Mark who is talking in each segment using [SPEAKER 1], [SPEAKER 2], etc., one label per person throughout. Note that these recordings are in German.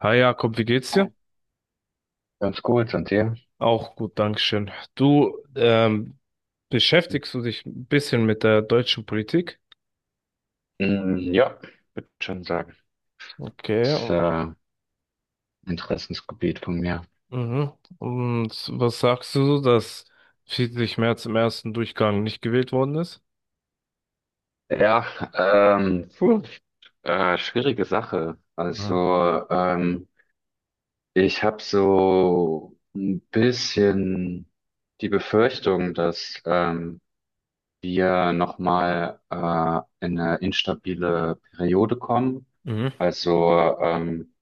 [SPEAKER 1] Hi Jakob, wie geht's dir?
[SPEAKER 2] Ganz gut, und dir?
[SPEAKER 1] Auch gut, Dankeschön. Du, beschäftigst du dich ein bisschen mit der deutschen Politik?
[SPEAKER 2] Mm, ja, würde schon sagen. Das
[SPEAKER 1] Okay,
[SPEAKER 2] ist Interessensgebiet von mir.
[SPEAKER 1] mhm. Und was sagst du, so, dass Friedrich Merz im ersten Durchgang nicht gewählt worden ist?
[SPEAKER 2] Ja, puh, schwierige Sache.
[SPEAKER 1] Mhm.
[SPEAKER 2] Also, ich habe so ein bisschen die Befürchtung, dass wir nochmal in eine instabile Periode kommen.
[SPEAKER 1] Mhm.
[SPEAKER 2] Also,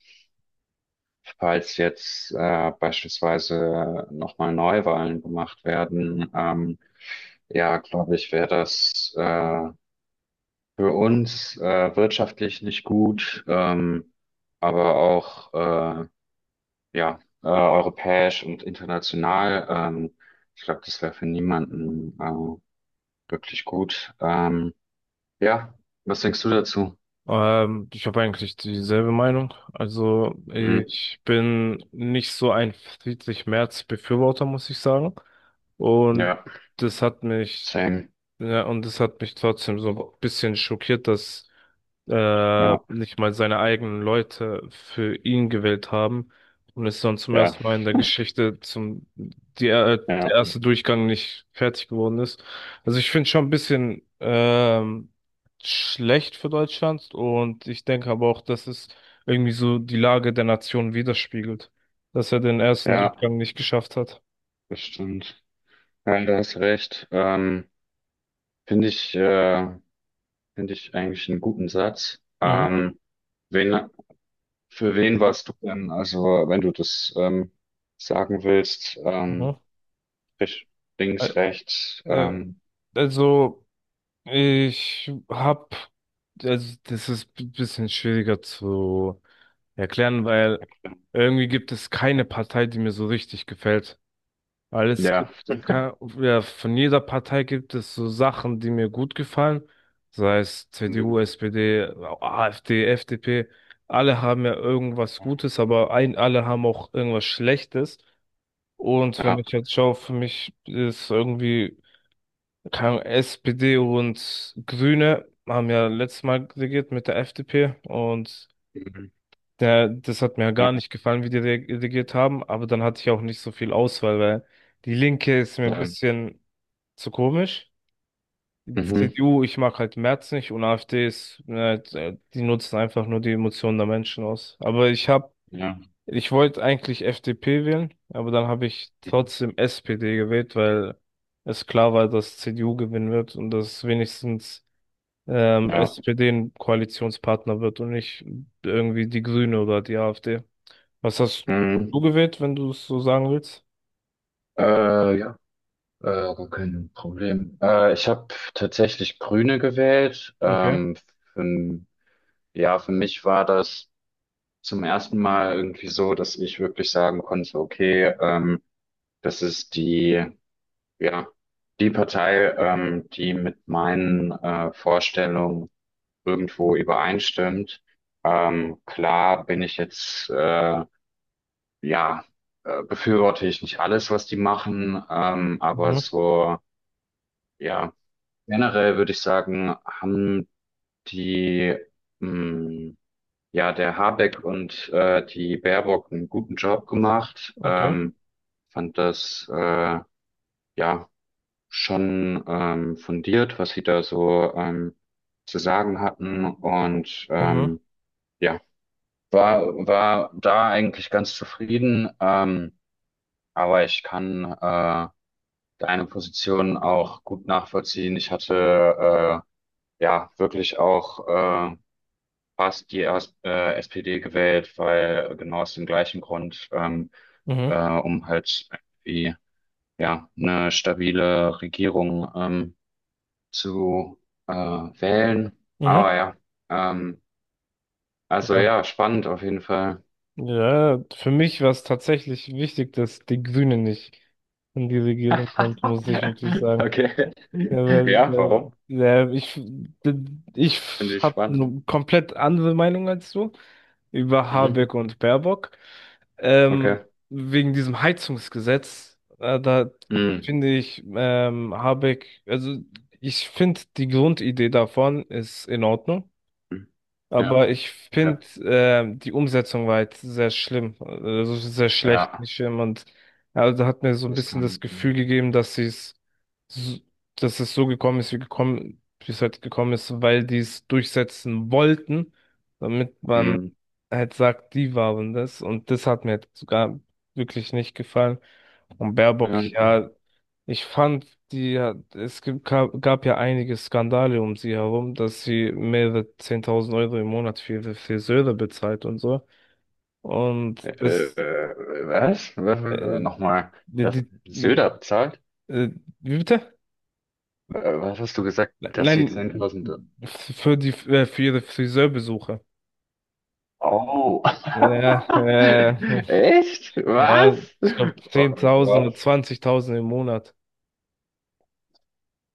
[SPEAKER 2] falls jetzt beispielsweise nochmal Neuwahlen gemacht werden, ja, glaube ich, wäre das für uns wirtschaftlich nicht gut, aber auch ja, europäisch und international. Ich glaube, das wäre für niemanden wirklich gut. Ja, was denkst du dazu?
[SPEAKER 1] Ich habe eigentlich dieselbe Meinung. Also
[SPEAKER 2] Hm,
[SPEAKER 1] ich bin nicht so ein Friedrich Merz-Befürworter, muss ich sagen. Und
[SPEAKER 2] ja,
[SPEAKER 1] das hat mich.
[SPEAKER 2] same.
[SPEAKER 1] Ja, und es hat mich trotzdem so ein bisschen schockiert, dass
[SPEAKER 2] Ja,
[SPEAKER 1] nicht mal seine eigenen Leute für ihn gewählt haben und es dann zum
[SPEAKER 2] ja,
[SPEAKER 1] ersten Mal in der Geschichte zum die,
[SPEAKER 2] ja,
[SPEAKER 1] der erste Durchgang nicht fertig geworden ist. Also ich finde schon ein bisschen schlecht für Deutschland und ich denke aber auch, dass es irgendwie so die Lage der Nation widerspiegelt, dass er den ersten
[SPEAKER 2] ja,
[SPEAKER 1] Durchgang nicht geschafft hat.
[SPEAKER 2] bestimmt. Nein, du hast recht. Finde ich, äh, finde ich eigentlich einen guten Satz.
[SPEAKER 1] Mhm.
[SPEAKER 2] Wen, für wen warst du denn, also wenn du das sagen willst,
[SPEAKER 1] Mhm.
[SPEAKER 2] rech-
[SPEAKER 1] Äh,
[SPEAKER 2] links, rechts,
[SPEAKER 1] äh, also Ich hab, also das ist ein bisschen schwieriger zu erklären, weil irgendwie gibt es keine Partei, die mir so richtig gefällt. Weil es
[SPEAKER 2] ja,
[SPEAKER 1] gibt, ja, von jeder Partei gibt es so Sachen, die mir gut gefallen. Sei es CDU,
[SPEAKER 2] mhm,
[SPEAKER 1] SPD, AfD, FDP. Alle haben ja irgendwas Gutes, aber ein, alle haben auch irgendwas Schlechtes. Und wenn
[SPEAKER 2] ja,
[SPEAKER 1] ich jetzt schaue, für mich ist irgendwie keine Ahnung, SPD und Grüne haben ja letztes Mal regiert mit der FDP und
[SPEAKER 2] mhm,
[SPEAKER 1] der, das hat mir ja
[SPEAKER 2] ja,
[SPEAKER 1] gar nicht gefallen, wie die regiert haben, aber dann hatte ich auch nicht so viel Auswahl, weil die Linke ist mir ein
[SPEAKER 2] ja,
[SPEAKER 1] bisschen zu komisch. Die
[SPEAKER 2] mhm,
[SPEAKER 1] CDU, ich mag halt Merz nicht und AfD ist, die nutzen einfach nur die Emotionen der Menschen aus. Aber ich habe,
[SPEAKER 2] ja,
[SPEAKER 1] ich wollte eigentlich FDP wählen, aber dann habe ich
[SPEAKER 2] mhm,
[SPEAKER 1] trotzdem SPD gewählt, weil es klar war, dass CDU gewinnen wird und dass wenigstens
[SPEAKER 2] ja,
[SPEAKER 1] SPD ein Koalitionspartner wird und nicht irgendwie die Grüne oder die AfD. Was hast
[SPEAKER 2] mhm.
[SPEAKER 1] du gewählt, wenn du es so sagen willst?
[SPEAKER 2] Ja, äh, gar kein Problem. Ich habe tatsächlich Grüne gewählt.
[SPEAKER 1] Okay.
[SPEAKER 2] Für Ja, für mich war das zum ersten Mal irgendwie so, dass ich wirklich sagen konnte, okay, das ist die, ja, die Partei, die mit meinen Vorstellungen irgendwo übereinstimmt. Klar bin ich jetzt, ja, befürworte ich nicht alles, was die machen, aber
[SPEAKER 1] Mhm.
[SPEAKER 2] so, ja, generell würde ich sagen, haben die, mh, Ja, der Habeck und die Baerbock einen guten Job gemacht.
[SPEAKER 1] Okay.
[SPEAKER 2] Fand das ja schon fundiert, was sie da so zu sagen hatten. Und
[SPEAKER 1] Mhm.
[SPEAKER 2] ja, war da eigentlich ganz zufrieden. Aber ich kann deine Position auch gut nachvollziehen. Ich hatte ja wirklich auch äh, hast die erst, SPD gewählt, weil genau aus dem gleichen Grund,
[SPEAKER 1] Mhm.
[SPEAKER 2] äh, um halt irgendwie ja, eine stabile Regierung zu wählen.
[SPEAKER 1] Mhm.
[SPEAKER 2] Aber ja, ähm, also
[SPEAKER 1] Ja.
[SPEAKER 2] ja, spannend auf jeden Fall.
[SPEAKER 1] Ja, für mich war es tatsächlich wichtig, dass die Grüne nicht in die Regierung kommt, muss ich wirklich sagen.
[SPEAKER 2] Okay.
[SPEAKER 1] Ja, weil,
[SPEAKER 2] Ja, warum?
[SPEAKER 1] ja, ich
[SPEAKER 2] Finde ich
[SPEAKER 1] habe
[SPEAKER 2] spannend.
[SPEAKER 1] eine komplett andere Meinung als du über
[SPEAKER 2] Mhm.
[SPEAKER 1] Habeck und Baerbock.
[SPEAKER 2] Okay.
[SPEAKER 1] Wegen diesem Heizungsgesetz, da
[SPEAKER 2] Mhm.
[SPEAKER 1] finde ich Habeck, also ich finde die Grundidee davon ist in Ordnung. Aber
[SPEAKER 2] Ja,
[SPEAKER 1] ich
[SPEAKER 2] okay.
[SPEAKER 1] finde, die Umsetzung war jetzt sehr schlimm, also sehr schlecht,
[SPEAKER 2] Ja,
[SPEAKER 1] nicht schlimm. Und ja, also hat mir so ein
[SPEAKER 2] das
[SPEAKER 1] bisschen das
[SPEAKER 2] kann.
[SPEAKER 1] Gefühl gegeben, dass sie es, so- dass es so gekommen ist, wie gekommen, wie es halt gekommen ist, weil die es durchsetzen wollten, damit man
[SPEAKER 2] Mhm.
[SPEAKER 1] halt sagt, die waren das. Und das hat mir jetzt sogar wirklich nicht gefallen. Und Baerbock,
[SPEAKER 2] Ja.
[SPEAKER 1] ja. Ich fand, die hat, es gibt, gab, gab ja einige Skandale um sie herum, dass sie mehrere 10.000 Euro im Monat für ihre Friseure bezahlt und so. Und
[SPEAKER 2] Äh,
[SPEAKER 1] das,
[SPEAKER 2] äh, Was? Was?
[SPEAKER 1] äh,
[SPEAKER 2] Nochmal,
[SPEAKER 1] die,
[SPEAKER 2] das
[SPEAKER 1] die,
[SPEAKER 2] Söder bezahlt?
[SPEAKER 1] äh, wie bitte?
[SPEAKER 2] Was hast du gesagt, dass sie
[SPEAKER 1] Nein,
[SPEAKER 2] 10.000...
[SPEAKER 1] für ihre Friseurbesuche.
[SPEAKER 2] Oh!
[SPEAKER 1] Ja,
[SPEAKER 2] Echt? Was?
[SPEAKER 1] ja, ich glaube
[SPEAKER 2] Oh mein
[SPEAKER 1] 10.000
[SPEAKER 2] Gott.
[SPEAKER 1] oder 20.000 im Monat.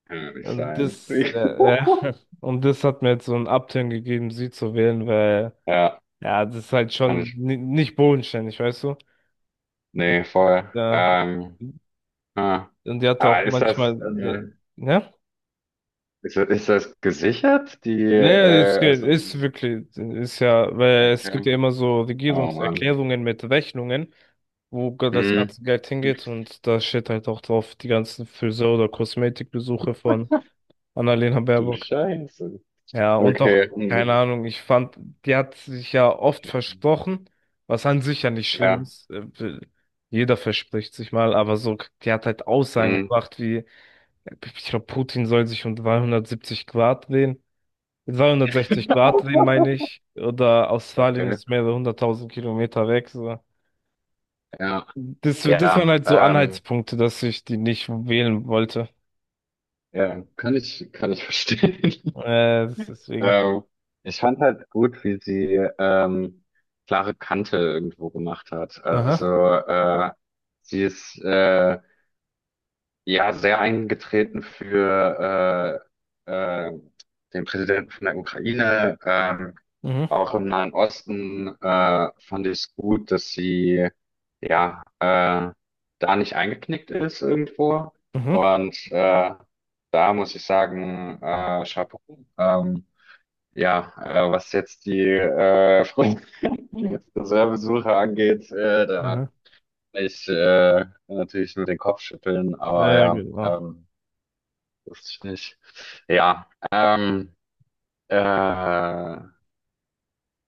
[SPEAKER 2] Kann ja nicht
[SPEAKER 1] Und
[SPEAKER 2] sein.
[SPEAKER 1] das, ja, und das hat mir jetzt so einen Upturn gegeben, sie zu wählen, weil.
[SPEAKER 2] Ja,
[SPEAKER 1] Ja, das ist halt
[SPEAKER 2] kann
[SPEAKER 1] schon
[SPEAKER 2] ich...
[SPEAKER 1] nicht bodenständig, weißt du?
[SPEAKER 2] Nee, voll.
[SPEAKER 1] Ja.
[SPEAKER 2] Ah.
[SPEAKER 1] Und die hat
[SPEAKER 2] Aber
[SPEAKER 1] auch
[SPEAKER 2] ist das
[SPEAKER 1] manchmal, ne?
[SPEAKER 2] Ist das gesichert?
[SPEAKER 1] Ja, es geht, ist wirklich, ist ja, weil es gibt
[SPEAKER 2] Okay.
[SPEAKER 1] ja immer so
[SPEAKER 2] Oh Mann.
[SPEAKER 1] Regierungserklärungen mit Rechnungen, wo das
[SPEAKER 2] Hm.
[SPEAKER 1] ganze Geld hingeht und da steht halt auch drauf die ganzen Friseur- oder Kosmetikbesuche von Annalena
[SPEAKER 2] Du
[SPEAKER 1] Baerbock.
[SPEAKER 2] Scheiße.
[SPEAKER 1] Ja, und auch,
[SPEAKER 2] Okay. Hm.
[SPEAKER 1] keine Ahnung, ich fand, die hat sich ja oft versprochen, was an sich ja nicht schlimm
[SPEAKER 2] Ja.
[SPEAKER 1] ist. Jeder verspricht sich mal, aber so, die hat halt Aussagen
[SPEAKER 2] Hm.
[SPEAKER 1] gebracht wie, ich glaube, Putin soll sich um 370 Grad drehen. 360 Grad drehen, meine ich. Oder Australien
[SPEAKER 2] Okay.
[SPEAKER 1] ist mehrere hunderttausend Kilometer weg. So.
[SPEAKER 2] Ja,
[SPEAKER 1] Das, das waren
[SPEAKER 2] ja,
[SPEAKER 1] halt so Anhaltspunkte, dass ich die nicht wählen wollte.
[SPEAKER 2] ja, kann ich verstehen.
[SPEAKER 1] Deswegen.
[SPEAKER 2] Ähm, Ich fand halt gut, wie sie ähm, klare Kante irgendwo gemacht hat. Also
[SPEAKER 1] Aha.
[SPEAKER 2] äh, sie ist ja sehr eingetreten für äh, äh, den Präsidenten von der Ukraine.
[SPEAKER 1] Mhm.
[SPEAKER 2] Auch im Nahen Osten fand ich es gut, dass sie ja da nicht eingeknickt ist irgendwo.
[SPEAKER 1] Mhm.
[SPEAKER 2] Und da muss ich sagen, Chapeau. Ähm, ja, was jetzt die Friedensreservesuche angeht, da
[SPEAKER 1] Mhm.
[SPEAKER 2] kann ich natürlich nur den Kopf schütteln, aber ja,
[SPEAKER 1] Genau.
[SPEAKER 2] wusste ich nicht. Ja, äh,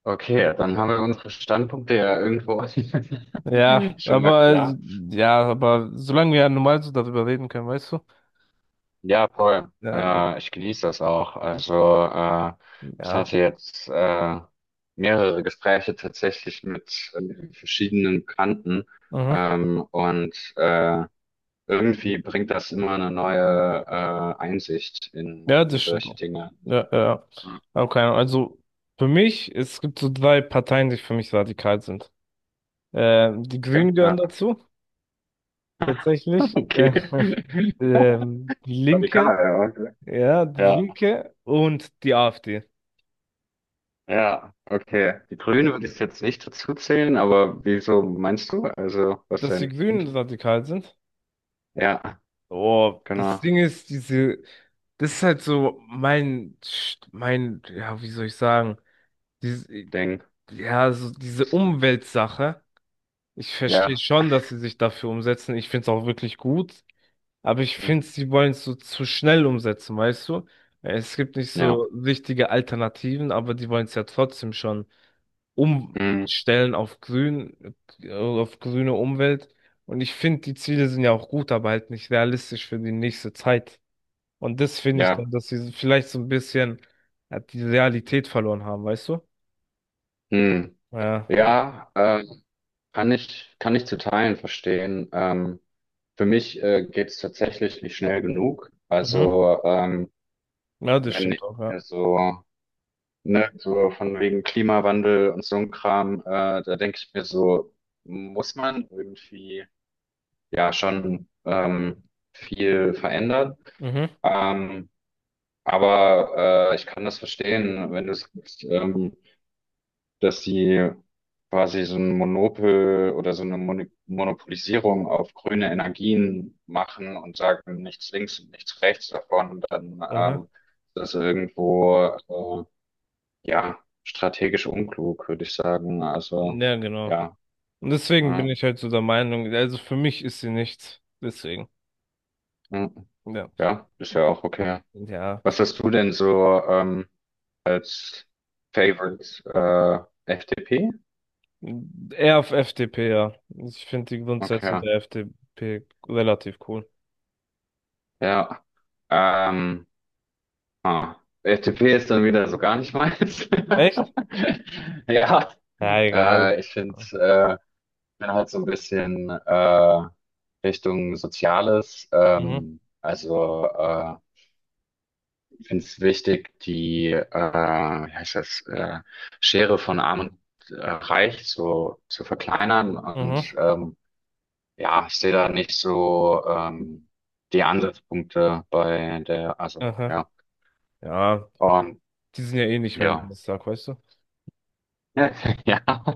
[SPEAKER 2] okay, dann haben wir unsere Standpunkte ja irgendwo
[SPEAKER 1] Ja,
[SPEAKER 2] schon mal
[SPEAKER 1] aber
[SPEAKER 2] klar.
[SPEAKER 1] solange wir ja normal so darüber reden können, weißt du?
[SPEAKER 2] Ja, voll.
[SPEAKER 1] Ja,
[SPEAKER 2] Ich genieße das auch. Also, äh, ich
[SPEAKER 1] ja,
[SPEAKER 2] hatte jetzt mehrere Gespräche tatsächlich mit, verschiedenen Bekannten.
[SPEAKER 1] mhm.
[SPEAKER 2] Und irgendwie bringt das immer eine neue Einsicht in,
[SPEAKER 1] Ja,
[SPEAKER 2] in
[SPEAKER 1] das stimmt
[SPEAKER 2] solche
[SPEAKER 1] auch.
[SPEAKER 2] Dinge. Also,
[SPEAKER 1] Ja, ja. Ja. Aber keine Ahnung. Also für mich, es gibt so drei Parteien, die für mich radikal sind. Die
[SPEAKER 2] ja,
[SPEAKER 1] Grünen gehören
[SPEAKER 2] ja,
[SPEAKER 1] dazu, tatsächlich.
[SPEAKER 2] okay.
[SPEAKER 1] Die
[SPEAKER 2] Radikal,
[SPEAKER 1] Linke,
[SPEAKER 2] ja. Okay.
[SPEAKER 1] ja, die
[SPEAKER 2] Ja,
[SPEAKER 1] Linke und die AfD.
[SPEAKER 2] ja, okay. Die
[SPEAKER 1] Äh,
[SPEAKER 2] Grünen würde ich jetzt nicht dazu zählen, aber wieso meinst du? Also, was
[SPEAKER 1] Dass die
[SPEAKER 2] denn?
[SPEAKER 1] Grünen radikal sind.
[SPEAKER 2] Ja,
[SPEAKER 1] Oh, das
[SPEAKER 2] genau.
[SPEAKER 1] Ding ist, diese, das ist halt so mein, mein, ja, wie soll ich sagen, diese,
[SPEAKER 2] Ding.
[SPEAKER 1] ja, so diese Umweltsache. Ich verstehe
[SPEAKER 2] Ja.
[SPEAKER 1] schon, dass sie sich dafür umsetzen. Ich finde es auch wirklich gut. Aber ich
[SPEAKER 2] Hm.
[SPEAKER 1] finde, sie wollen es so zu schnell umsetzen, weißt du? Es gibt nicht
[SPEAKER 2] Ja.
[SPEAKER 1] so richtige Alternativen, aber die wollen es ja trotzdem schon
[SPEAKER 2] Hm.
[SPEAKER 1] umstellen auf grün, auf grüne Umwelt. Und ich finde, die Ziele sind ja auch gut, aber halt nicht realistisch für die nächste Zeit. Und das finde ich dann,
[SPEAKER 2] Ja.
[SPEAKER 1] dass sie so vielleicht so ein bisschen die Realität verloren haben, weißt du?
[SPEAKER 2] Hm.
[SPEAKER 1] Ja.
[SPEAKER 2] Ja, kann ich zu Teilen verstehen. Für mich geht es tatsächlich nicht schnell genug.
[SPEAKER 1] Mhm.
[SPEAKER 2] Also
[SPEAKER 1] Ja, das
[SPEAKER 2] wenn
[SPEAKER 1] stimmt
[SPEAKER 2] ich
[SPEAKER 1] auch, ja.
[SPEAKER 2] mir so, ne, so von wegen Klimawandel und so ein Kram, da denke ich mir so, muss man irgendwie ja schon viel verändern.
[SPEAKER 1] Mhm.
[SPEAKER 2] Ähm, Aber ich kann das verstehen, wenn du sagst, dass sie quasi so ein Monopol oder so eine Monopolisierung auf grüne Energien machen und sagen, nichts links und nichts rechts davon, dann
[SPEAKER 1] Aha.
[SPEAKER 2] ist das irgendwo ja strategisch unklug, würde ich sagen. Also
[SPEAKER 1] Ja, genau.
[SPEAKER 2] ja,
[SPEAKER 1] Und deswegen
[SPEAKER 2] äh,
[SPEAKER 1] bin ich halt so der Meinung, also für mich ist sie nichts. Deswegen.
[SPEAKER 2] mh,
[SPEAKER 1] Ja.
[SPEAKER 2] ja, ist ja auch okay.
[SPEAKER 1] Ja.
[SPEAKER 2] Was hast du denn so als Favorite FDP?
[SPEAKER 1] Eher auf FDP, ja. Ich finde die Grundsätze
[SPEAKER 2] Okay.
[SPEAKER 1] der FDP relativ cool.
[SPEAKER 2] Ja, ähm, ah, FDP ist dann wieder so gar nicht meins.
[SPEAKER 1] Echt?
[SPEAKER 2] Ja,
[SPEAKER 1] Ja, egal.
[SPEAKER 2] äh, ich finde,
[SPEAKER 1] Ja.
[SPEAKER 2] äh, bin halt so ein bisschen Richtung Soziales.
[SPEAKER 1] Mhm.
[SPEAKER 2] Also finde es wichtig, die, wie heißt das, Schere von Arm und Reich so zu verkleinern.
[SPEAKER 1] Mhm.
[SPEAKER 2] Und ja, ich sehe da nicht so die Ansatzpunkte bei der, also
[SPEAKER 1] Aha.
[SPEAKER 2] ja.
[SPEAKER 1] Ja.
[SPEAKER 2] und
[SPEAKER 1] Die sind ja eh nicht mehr im
[SPEAKER 2] Ja.
[SPEAKER 1] Bundestag, weißt du?
[SPEAKER 2] Ja.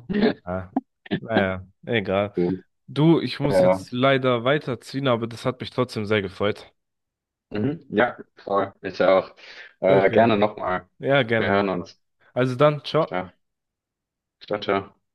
[SPEAKER 2] Ja.
[SPEAKER 1] Ja. Naja, egal.
[SPEAKER 2] Stimmt.
[SPEAKER 1] Du, ich muss
[SPEAKER 2] Ja.
[SPEAKER 1] jetzt leider weiterziehen, aber das hat mich trotzdem sehr gefreut.
[SPEAKER 2] Mhm. Ja, voll. Ich auch.
[SPEAKER 1] Okay.
[SPEAKER 2] Gerne nochmal.
[SPEAKER 1] Ja,
[SPEAKER 2] Wir
[SPEAKER 1] gerne
[SPEAKER 2] hören
[SPEAKER 1] nochmal.
[SPEAKER 2] uns.
[SPEAKER 1] Also dann, ciao.
[SPEAKER 2] Ja, ciao, ciao.